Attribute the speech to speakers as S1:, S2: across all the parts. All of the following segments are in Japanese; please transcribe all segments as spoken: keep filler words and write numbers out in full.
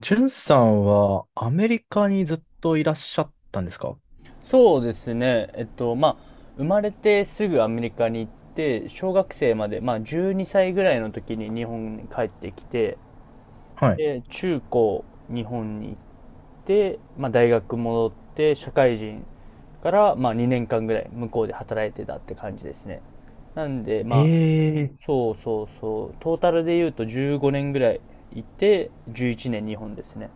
S1: ジュンさんはアメリカにずっといらっしゃったんですか？
S2: そうですね。えっと、まあ、生まれてすぐアメリカに行って、小学生まで、まあ、じゅうにさいぐらいの時に日本に帰ってきて、
S1: はい。
S2: で、中高、日本に行って、まあ、大学戻って、社会人から、まあ、にねんかんぐらい向こうで働いてたって感じですね。なんで、まあ、
S1: ええ
S2: そうそうそう、トータルで言うとじゅうごねんぐらいいて、じゅういちねん日本ですね。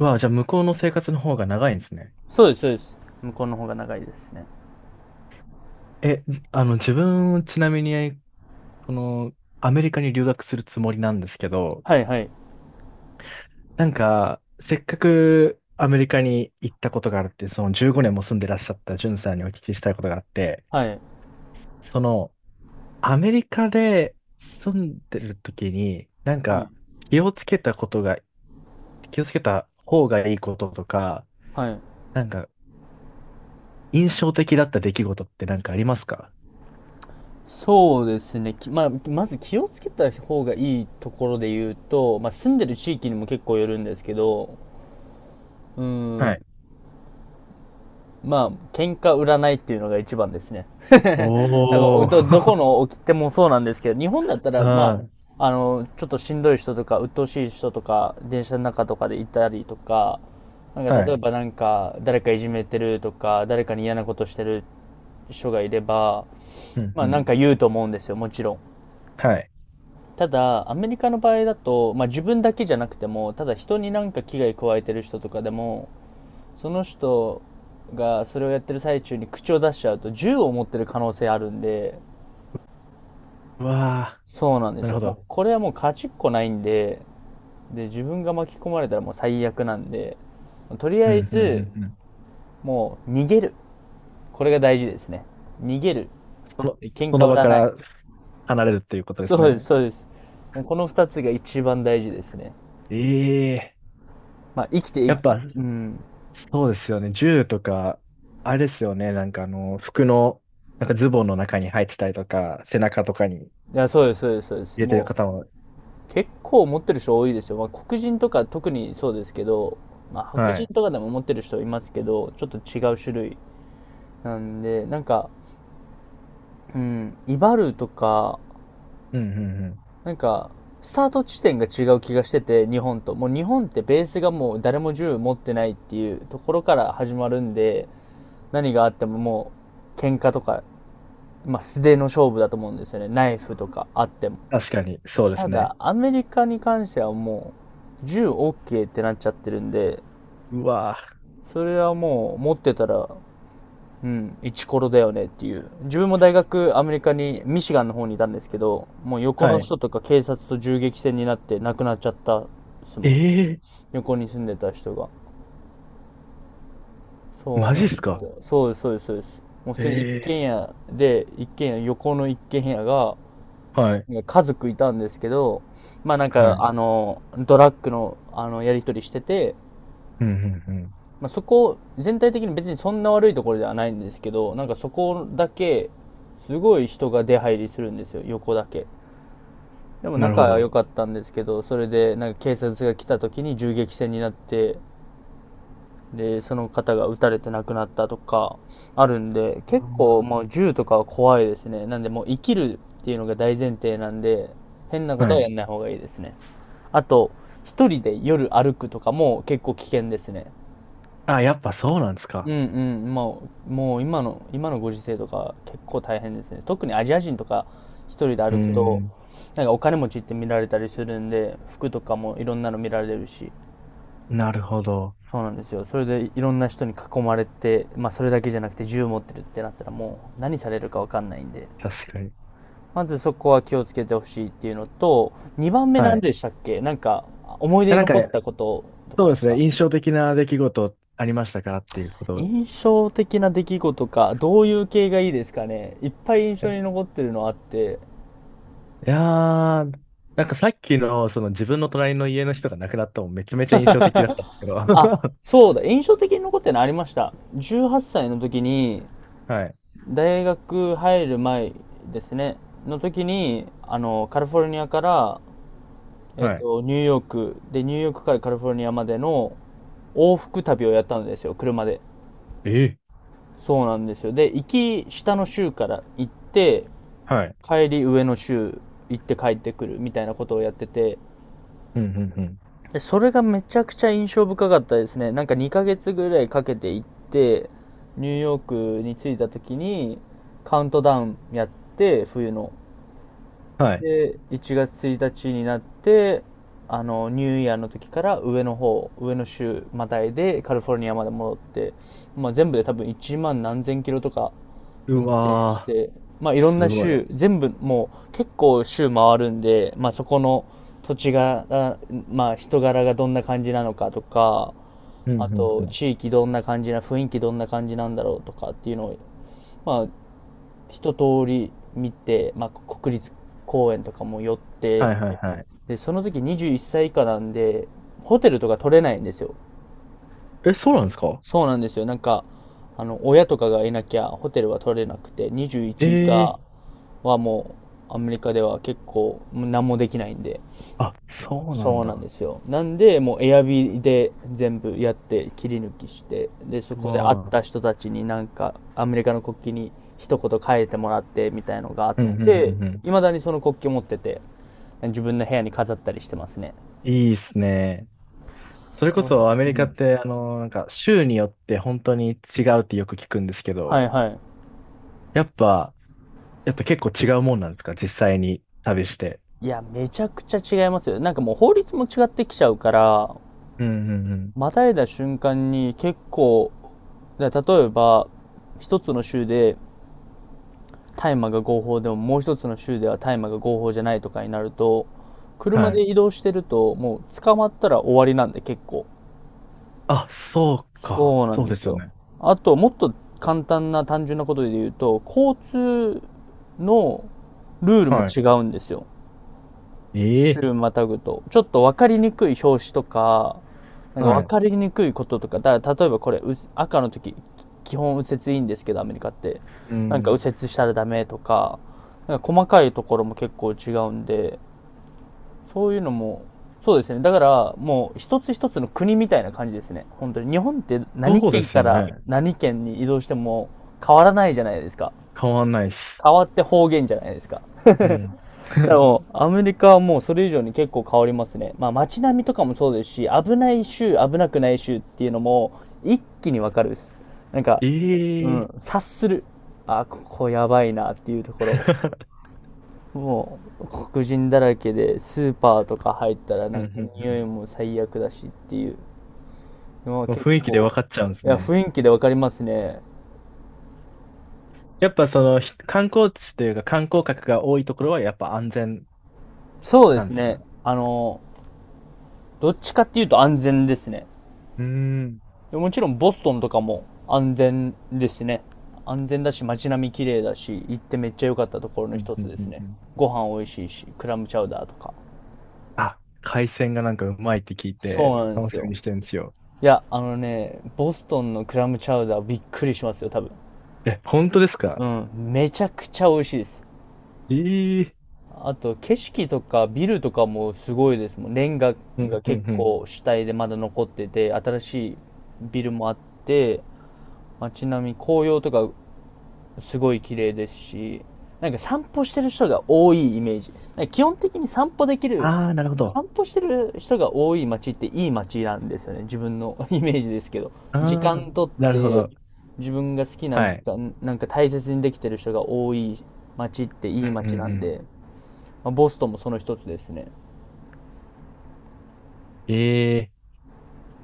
S1: ー、わあ、じゃあ向こうの生活の方が長いんですね。
S2: そうです、そうです。向こうの方が長いですね。
S1: え、じあの、自分、ちなみに、この、アメリカに留学するつもりなんですけど、
S2: はいはい。
S1: なんか、せっかくアメリカに行ったことがあるって、そのじゅうごねんも住んでらっしゃったジュンさんにお聞きしたいことがあって、
S2: はい。
S1: その、アメリカで住んでる時に、なん
S2: はい。
S1: か、気をつけたことが、気をつけた方がいいこととか、
S2: はい。
S1: なんか、印象的だった出来事ってなんかありますか？
S2: そうですね、きまあ、まず気をつけた方がいいところで言うと、まあ、住んでる地域にも結構よるんですけど、うー
S1: はい。
S2: ん、まあ、喧嘩売らないっていうのが一番ですね。多分お
S1: お
S2: ど、どこ
S1: ー。
S2: の起きてもそうなんですけど、日本だ った
S1: う
S2: ら、ま
S1: ん。
S2: あ、あの、ちょっとしんどい人とか、鬱陶しい人とか、電車の中とかでいたりとか、なんか
S1: は
S2: 例え
S1: い。
S2: ばなんか、誰かいじめてるとか、誰かに嫌なことしてる人がいれば、
S1: うん、
S2: ま
S1: う
S2: あな
S1: ん。
S2: んか言うと思うんですよ、もちろん。
S1: はい。
S2: ただ、アメリカの場合だと、まあ、自分だけじゃなくても、ただ人になんか危害加えてる人とかでも、その人がそれをやってる最中に口を出しちゃうと、銃を持ってる可能性あるんで、
S1: うわ
S2: そうなんで
S1: ー。な
S2: す
S1: るほ
S2: よ。も
S1: ど。
S2: うこれはもう勝ちっこないんで、で、自分が巻き込まれたらもう最悪なんで、とり
S1: う
S2: あえ
S1: ん、うん、う
S2: ず、
S1: ん、うん。
S2: もう逃げる。これが大事ですね。逃げる。
S1: その、
S2: 喧
S1: そ
S2: 嘩
S1: の
S2: 売
S1: 場
S2: ら
S1: か
S2: ない。
S1: ら離れるっていうことです
S2: そうで
S1: ね。
S2: す、そうです。もうこの二つが一番大事ですね。
S1: ええ、
S2: まあ、生きて
S1: や
S2: い、
S1: っぱ、
S2: うん。
S1: そうですよね。銃とか、あれですよね。なんかあの、服の、なんかズボンの中に入ってたりとか、背中とかに入
S2: いや、そうです、そうです、そうです。
S1: れてる
S2: も
S1: 方も。
S2: う、結構持ってる人多いですよ。まあ、黒人とか特にそうですけど、まあ、白
S1: は
S2: 人
S1: い。
S2: とかでも持ってる人いますけど、ちょっと違う種類なんで、なんか、うん、威張るとか、
S1: うん、うん、うん。
S2: なんか、スタート地点が違う気がしてて、日本と。もう日本ってベースがもう誰も銃持ってないっていうところから始まるんで、何があってももう、喧嘩とか、まあ、素手の勝負だと思うんですよね。ナイフとかあっても。
S1: 確かに、そうで
S2: た
S1: す
S2: だ、
S1: ね。
S2: アメリカに関してはもう、銃 OK ってなっちゃってるんで、
S1: うわ
S2: それはもう持ってたら、うん、一コロだよねっていう。自分も大学、アメリカに、ミシガンの方にいたんですけど、もう
S1: ー。
S2: 横
S1: は
S2: の
S1: い。
S2: 人とか警察と銃撃戦になって亡くなっちゃったっすもん。
S1: ええ、
S2: 横に住んでた人が。そ
S1: マ
S2: う
S1: ジ
S2: な
S1: っ
S2: んで
S1: す
S2: す
S1: か？
S2: よ。そうです、そうです、そうです。もう普通に一軒
S1: ええ
S2: 家で、一軒家、横の一軒家が、
S1: ー、はい、
S2: なんか家族いたんですけど、まあなん
S1: はい。う
S2: か、
S1: ん、
S2: あの、ドラッグの、あの、やり取りしてて、
S1: うん、うん。
S2: まあ、そこ、全体的に別にそんな悪いところではないんですけど、なんかそこだけ、すごい人が出入りするんですよ、横だけ。でも
S1: なる
S2: 仲
S1: ほ
S2: は良
S1: ど。
S2: かったんですけど、それでなんか警察が来た時に銃撃戦になって、で、その方が撃たれて亡くなったとかあるんで、
S1: あ
S2: 結構
S1: ー、
S2: もう銃とかは怖いですね。なんでもう生きるっていうのが大前提なんで、変なこ
S1: は
S2: とはや
S1: い。
S2: んない方がいいですね。あと、一人で夜歩くとかも結構危険ですね。
S1: あ、やっぱそうなんです
S2: う
S1: か？
S2: んうん、まあ、もう今の、今のご時世とか結構大変ですね。特にアジア人とか一人で
S1: うー
S2: 歩くと、
S1: ん、
S2: なんかお金持ちって見られたりするんで、服とかもいろんなの見られるし、
S1: なるほど。
S2: そうなんですよ。それでいろんな人に囲まれて、まあそれだけじゃなくて銃持ってるってなったらもう何されるかわかんないんで、
S1: 確かに。
S2: まずそこは気をつけてほしいっていうのと、にばんめ
S1: は
S2: 何
S1: い。
S2: でしたっけ？なんか、思い出に
S1: なんか、
S2: 残ったことと
S1: そ
S2: か
S1: うで
S2: です
S1: すね。
S2: か？
S1: 印象的な出来事ありましたかっていうことを。
S2: 印象的な出来事か、どういう系がいいですかね。いっぱい印象
S1: え、
S2: に残ってるのあって。
S1: いやー、なんかさっきの、その自分の隣の家の人が亡くなったのもめちゃめちゃ印象的だったんですけど。
S2: あ、
S1: は
S2: そうだ、印象的に残ってるのありました。じゅうはっさいの時に、
S1: い、
S2: 大学入る前ですね、の時に、あの、カリフォルニアから、えっ
S1: はい。
S2: と、ニューヨーク、で、ニューヨークからカリフォルニアまでの往復旅をやったんですよ、車で。
S1: ええ、
S2: そうなんですよ。で、行き下の州から行って、
S1: はい。
S2: 帰り上の州行って帰ってくるみたいなことをやってて、
S1: うん、うん、うん。
S2: でそれがめちゃくちゃ印象深かったですね。なんかにかげつぐらいかけて行ってニューヨークに着いた時にカウントダウンやって冬の
S1: はい。
S2: でいちがつついたちになってあのニューイヤーの時から上の方上の州またいでカリフォルニアまで戻って、まあ、全部で多分いちまん何千キロとか運
S1: う
S2: 転し
S1: わ
S2: て、まあ、い
S1: ー、
S2: ろん
S1: す
S2: な
S1: ごい。
S2: 州、全部もう結構州回るんで、まあ、そこの土地が、まあ、人柄がどんな感じなのかとか、
S1: うん、う
S2: あ
S1: ん、う
S2: と
S1: ん。
S2: 地域どんな感じな、雰囲気どんな感じなんだろうとかっていうのを、まあ、一通り見て、まあ、国立公園とかも寄って、
S1: はい、はい、はい。
S2: で、その時にじゅういっさい以下なんで、ホテルとか取れないんですよ。
S1: え、そうなんですか？
S2: そうなんですよ。なんか、あの、親とかがいなきゃホテルは取れなくて、にじゅういち以
S1: え
S2: 下、
S1: え、
S2: はもうアメリカでは結構何もできないんで。
S1: あ、そうなん
S2: そうなん
S1: だ。
S2: ですよ。なんで、もうエアビーで全部やって切り抜きして、で、そ
S1: う
S2: こで会っ
S1: わあ。
S2: た人たちになんかアメリカの国旗に一言書いてもらってみたいのがあっ
S1: うんうんう
S2: て、
S1: んう
S2: い
S1: ん。
S2: まだにその国旗持ってて、自分の部屋に飾ったりしてますね。
S1: いいっすね。それこ
S2: そ
S1: そアメ
S2: う。
S1: リカ
S2: うん。
S1: って、あの、なんか州によって本当に違うってよく聞くんですけ
S2: は
S1: ど、
S2: いはい。
S1: やっぱ、やっぱ結構違うもんなんですか？実際に旅して。
S2: いや、めちゃくちゃ違いますよ。なんかもう法律も違ってきちゃうから、
S1: うんうんうん。
S2: またいだ瞬間に結構、例えば、一つの州で大麻が合法でも、もう一つの州では大麻が合法じゃないとかになると、車
S1: は
S2: で
S1: い。
S2: 移動してると、もう捕まったら終わりなんで結構。
S1: あ、そうか。
S2: そうな
S1: そ
S2: ん
S1: う
S2: で
S1: で
S2: す
S1: すよ
S2: よ。
S1: ね。
S2: あと、もっと簡単な単純なことで言うと、交通のルールも
S1: は
S2: 違うんですよ。
S1: い。え
S2: 週
S1: え、
S2: またぐと、ちょっと分かりにくい表紙とか、なんか
S1: は
S2: 分
S1: い。
S2: かりにくいこととか、だから例えばこれ、赤の時、基本右折いいんですけど、アメリカって。
S1: う
S2: なんか
S1: ん。
S2: 右折したらダメとか、なんか細かいところも結構違うんで、そういうのも、そうですね。だからもう一つ一つの国みたいな感じですね。本当に。日本って何
S1: そうで
S2: 県
S1: す
S2: か
S1: よ
S2: ら
S1: ね。
S2: 何県に移動しても変わらないじゃないですか。
S1: 変わんないっす。
S2: 変わって方言じゃないですか。
S1: うん。
S2: で も、アメリカはもうそれ以上に結構変わりますね。まあ街並みとかもそうですし、危ない州、危なくない州っていうのも一気にわかるです。なんか、
S1: え
S2: うん、
S1: え
S2: 察する。あ、ここやばいなっていうところ。もう黒人だらけで、スーパーとか入ったらな
S1: うん
S2: ん
S1: う
S2: か
S1: んう
S2: 匂い
S1: ん。
S2: も最悪だしっていうのは
S1: もう
S2: 結
S1: 雰囲気で
S2: 構、
S1: 分かっちゃうんで
S2: い
S1: す
S2: や、
S1: ね。
S2: 雰囲気でわかりますね。
S1: やっぱそのひ観光地というか観光客が多いところはやっぱ安全
S2: そうで
S1: なん
S2: す
S1: ですか？
S2: ね。
S1: う
S2: あの、どっちかっていうと安全ですね。
S1: ーん。
S2: もちろんボストンとかも安全ですね。安全だし、街並み綺麗だし、行ってめっちゃ良かったところの
S1: うん
S2: 一
S1: うん
S2: つで
S1: う
S2: す
S1: ん
S2: ね。
S1: うん。
S2: ご飯美味しいし、クラムチャウダーとか。
S1: あ、海鮮がなんかうまいって聞いて
S2: そうなんで
S1: 楽
S2: す
S1: しみ
S2: よ。
S1: にしてるんですよ。
S2: いや、あのね、ボストンのクラムチャウダーびっくりしますよ、多分。
S1: え、本当ですか？
S2: うん、めちゃくちゃ美味しいです。
S1: ええ、
S2: あと、景色とかビルとかもすごいですもん。レンガ
S1: う
S2: が
S1: んうん
S2: 結
S1: うん。
S2: 構主体でまだ残ってて、新しいビルもあって、街並み、紅葉とかすごい綺麗ですし、なんか散歩してる人が多いイメージ。なんか基本的に散歩できる、
S1: ああ、なるほど。
S2: 散歩してる人が多い街っていい街なんですよね。自分の イメージですけど。
S1: あ
S2: 時
S1: あ、
S2: 間とっ
S1: なるほ
S2: て、
S1: ど。
S2: 自分が好きな
S1: は
S2: 時
S1: い。
S2: 間、なんか大切にできてる人が多い街って
S1: う
S2: い
S1: ん
S2: い
S1: うん
S2: 街なん
S1: うん。
S2: で、まあ、ボストンもその一つですね。
S1: ええ、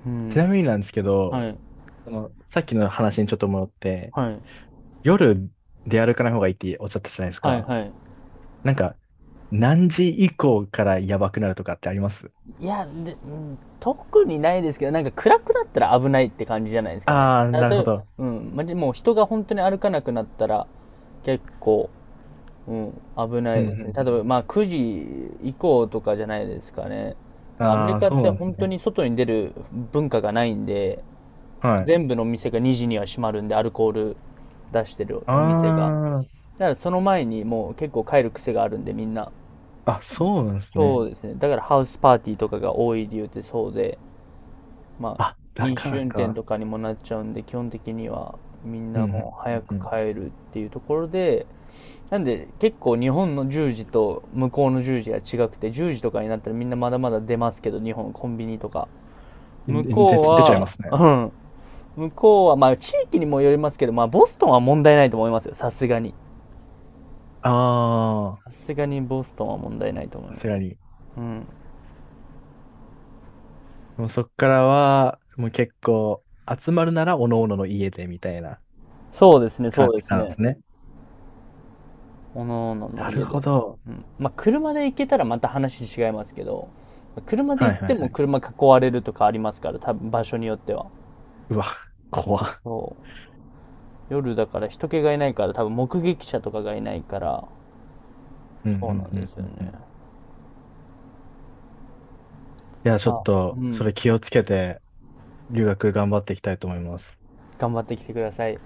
S2: う
S1: ちな
S2: ん。
S1: みになんですけど、
S2: はい。
S1: その、さっきの話にちょっと戻って、
S2: はい。
S1: 夜出歩かない方がいいっておっしゃったじゃないです
S2: はい、
S1: か。
S2: はい。
S1: なんか、何時以降からやばくなるとかってあります？
S2: いや、で、うん、特にないですけど、なんか暗くなったら危ないって感じじゃないですかね。
S1: ああー、
S2: あ
S1: なる
S2: 例
S1: ほ
S2: えば、
S1: ど。
S2: うん、まじもう人が本当に歩かなくなったら結構、うん、危な
S1: う
S2: い
S1: んう
S2: で
S1: んう
S2: すね。例え
S1: ん。
S2: ば、まあくじ以降とかじゃないですかね。アメリ
S1: ああ、
S2: カっ
S1: そう
S2: て
S1: なんです
S2: 本当
S1: ね。
S2: に外に出る文化がないんで、
S1: はい。
S2: 全部のお店がにじには閉まるんで、アルコール出してるお店が。
S1: あ
S2: だからその前にもう結構帰る癖があるんで、みんな。
S1: あ、あ、そうなんです
S2: そ
S1: ね。
S2: うですね。だからハウスパーティーとかが多い理由ってそうで、まあ、
S1: あ、だ
S2: 飲
S1: か
S2: 酒
S1: ら
S2: 運転
S1: か。
S2: とかにもなっちゃうんで、基本的にはみん
S1: う
S2: な
S1: ん
S2: もう
S1: う
S2: 早
S1: んう
S2: く
S1: ん。
S2: 帰るっていうところで、なんで結構日本の十じと向こうの十じが違くて、十じとかになったらみんなまだまだ出ますけど、日本コンビニとか。
S1: う
S2: 向
S1: んで、
S2: こう
S1: 出ちゃいま
S2: は、
S1: すね。
S2: うん。向こうは、まあ地域にもよりますけど、まあボストンは問題ないと思いますよ、さすがに。
S1: あ
S2: さすがにボストンは問題ないと思い
S1: あ、さす
S2: ます。
S1: がに。
S2: うん。
S1: もうそっからは、もう結構、集まるなら、おのおのの家で、みたいな
S2: そうですね、そ
S1: 感
S2: うで
S1: じ
S2: す
S1: なんで
S2: ね。
S1: すね。
S2: おのおのの
S1: なる
S2: 家
S1: ほ
S2: で。
S1: ど。
S2: うん。まあ、車で行けたらまた話違いますけど、車で
S1: は
S2: 行
S1: い
S2: っ
S1: は
S2: て
S1: いは
S2: も
S1: い。
S2: 車囲われるとかありますから、多分場所によっては。
S1: うわ、怖っ。
S2: そう。夜だから人気がいないから、多分目撃者とかがいないから、
S1: うんうん
S2: そうなん
S1: う
S2: で
S1: ん
S2: す
S1: う
S2: よ
S1: んうん。
S2: ね。
S1: いや、ちょ
S2: ま
S1: っ
S2: あ、う
S1: と、それ
S2: ん。
S1: 気をつけて、留学頑張っていきたいと思います。
S2: 頑張ってきてください。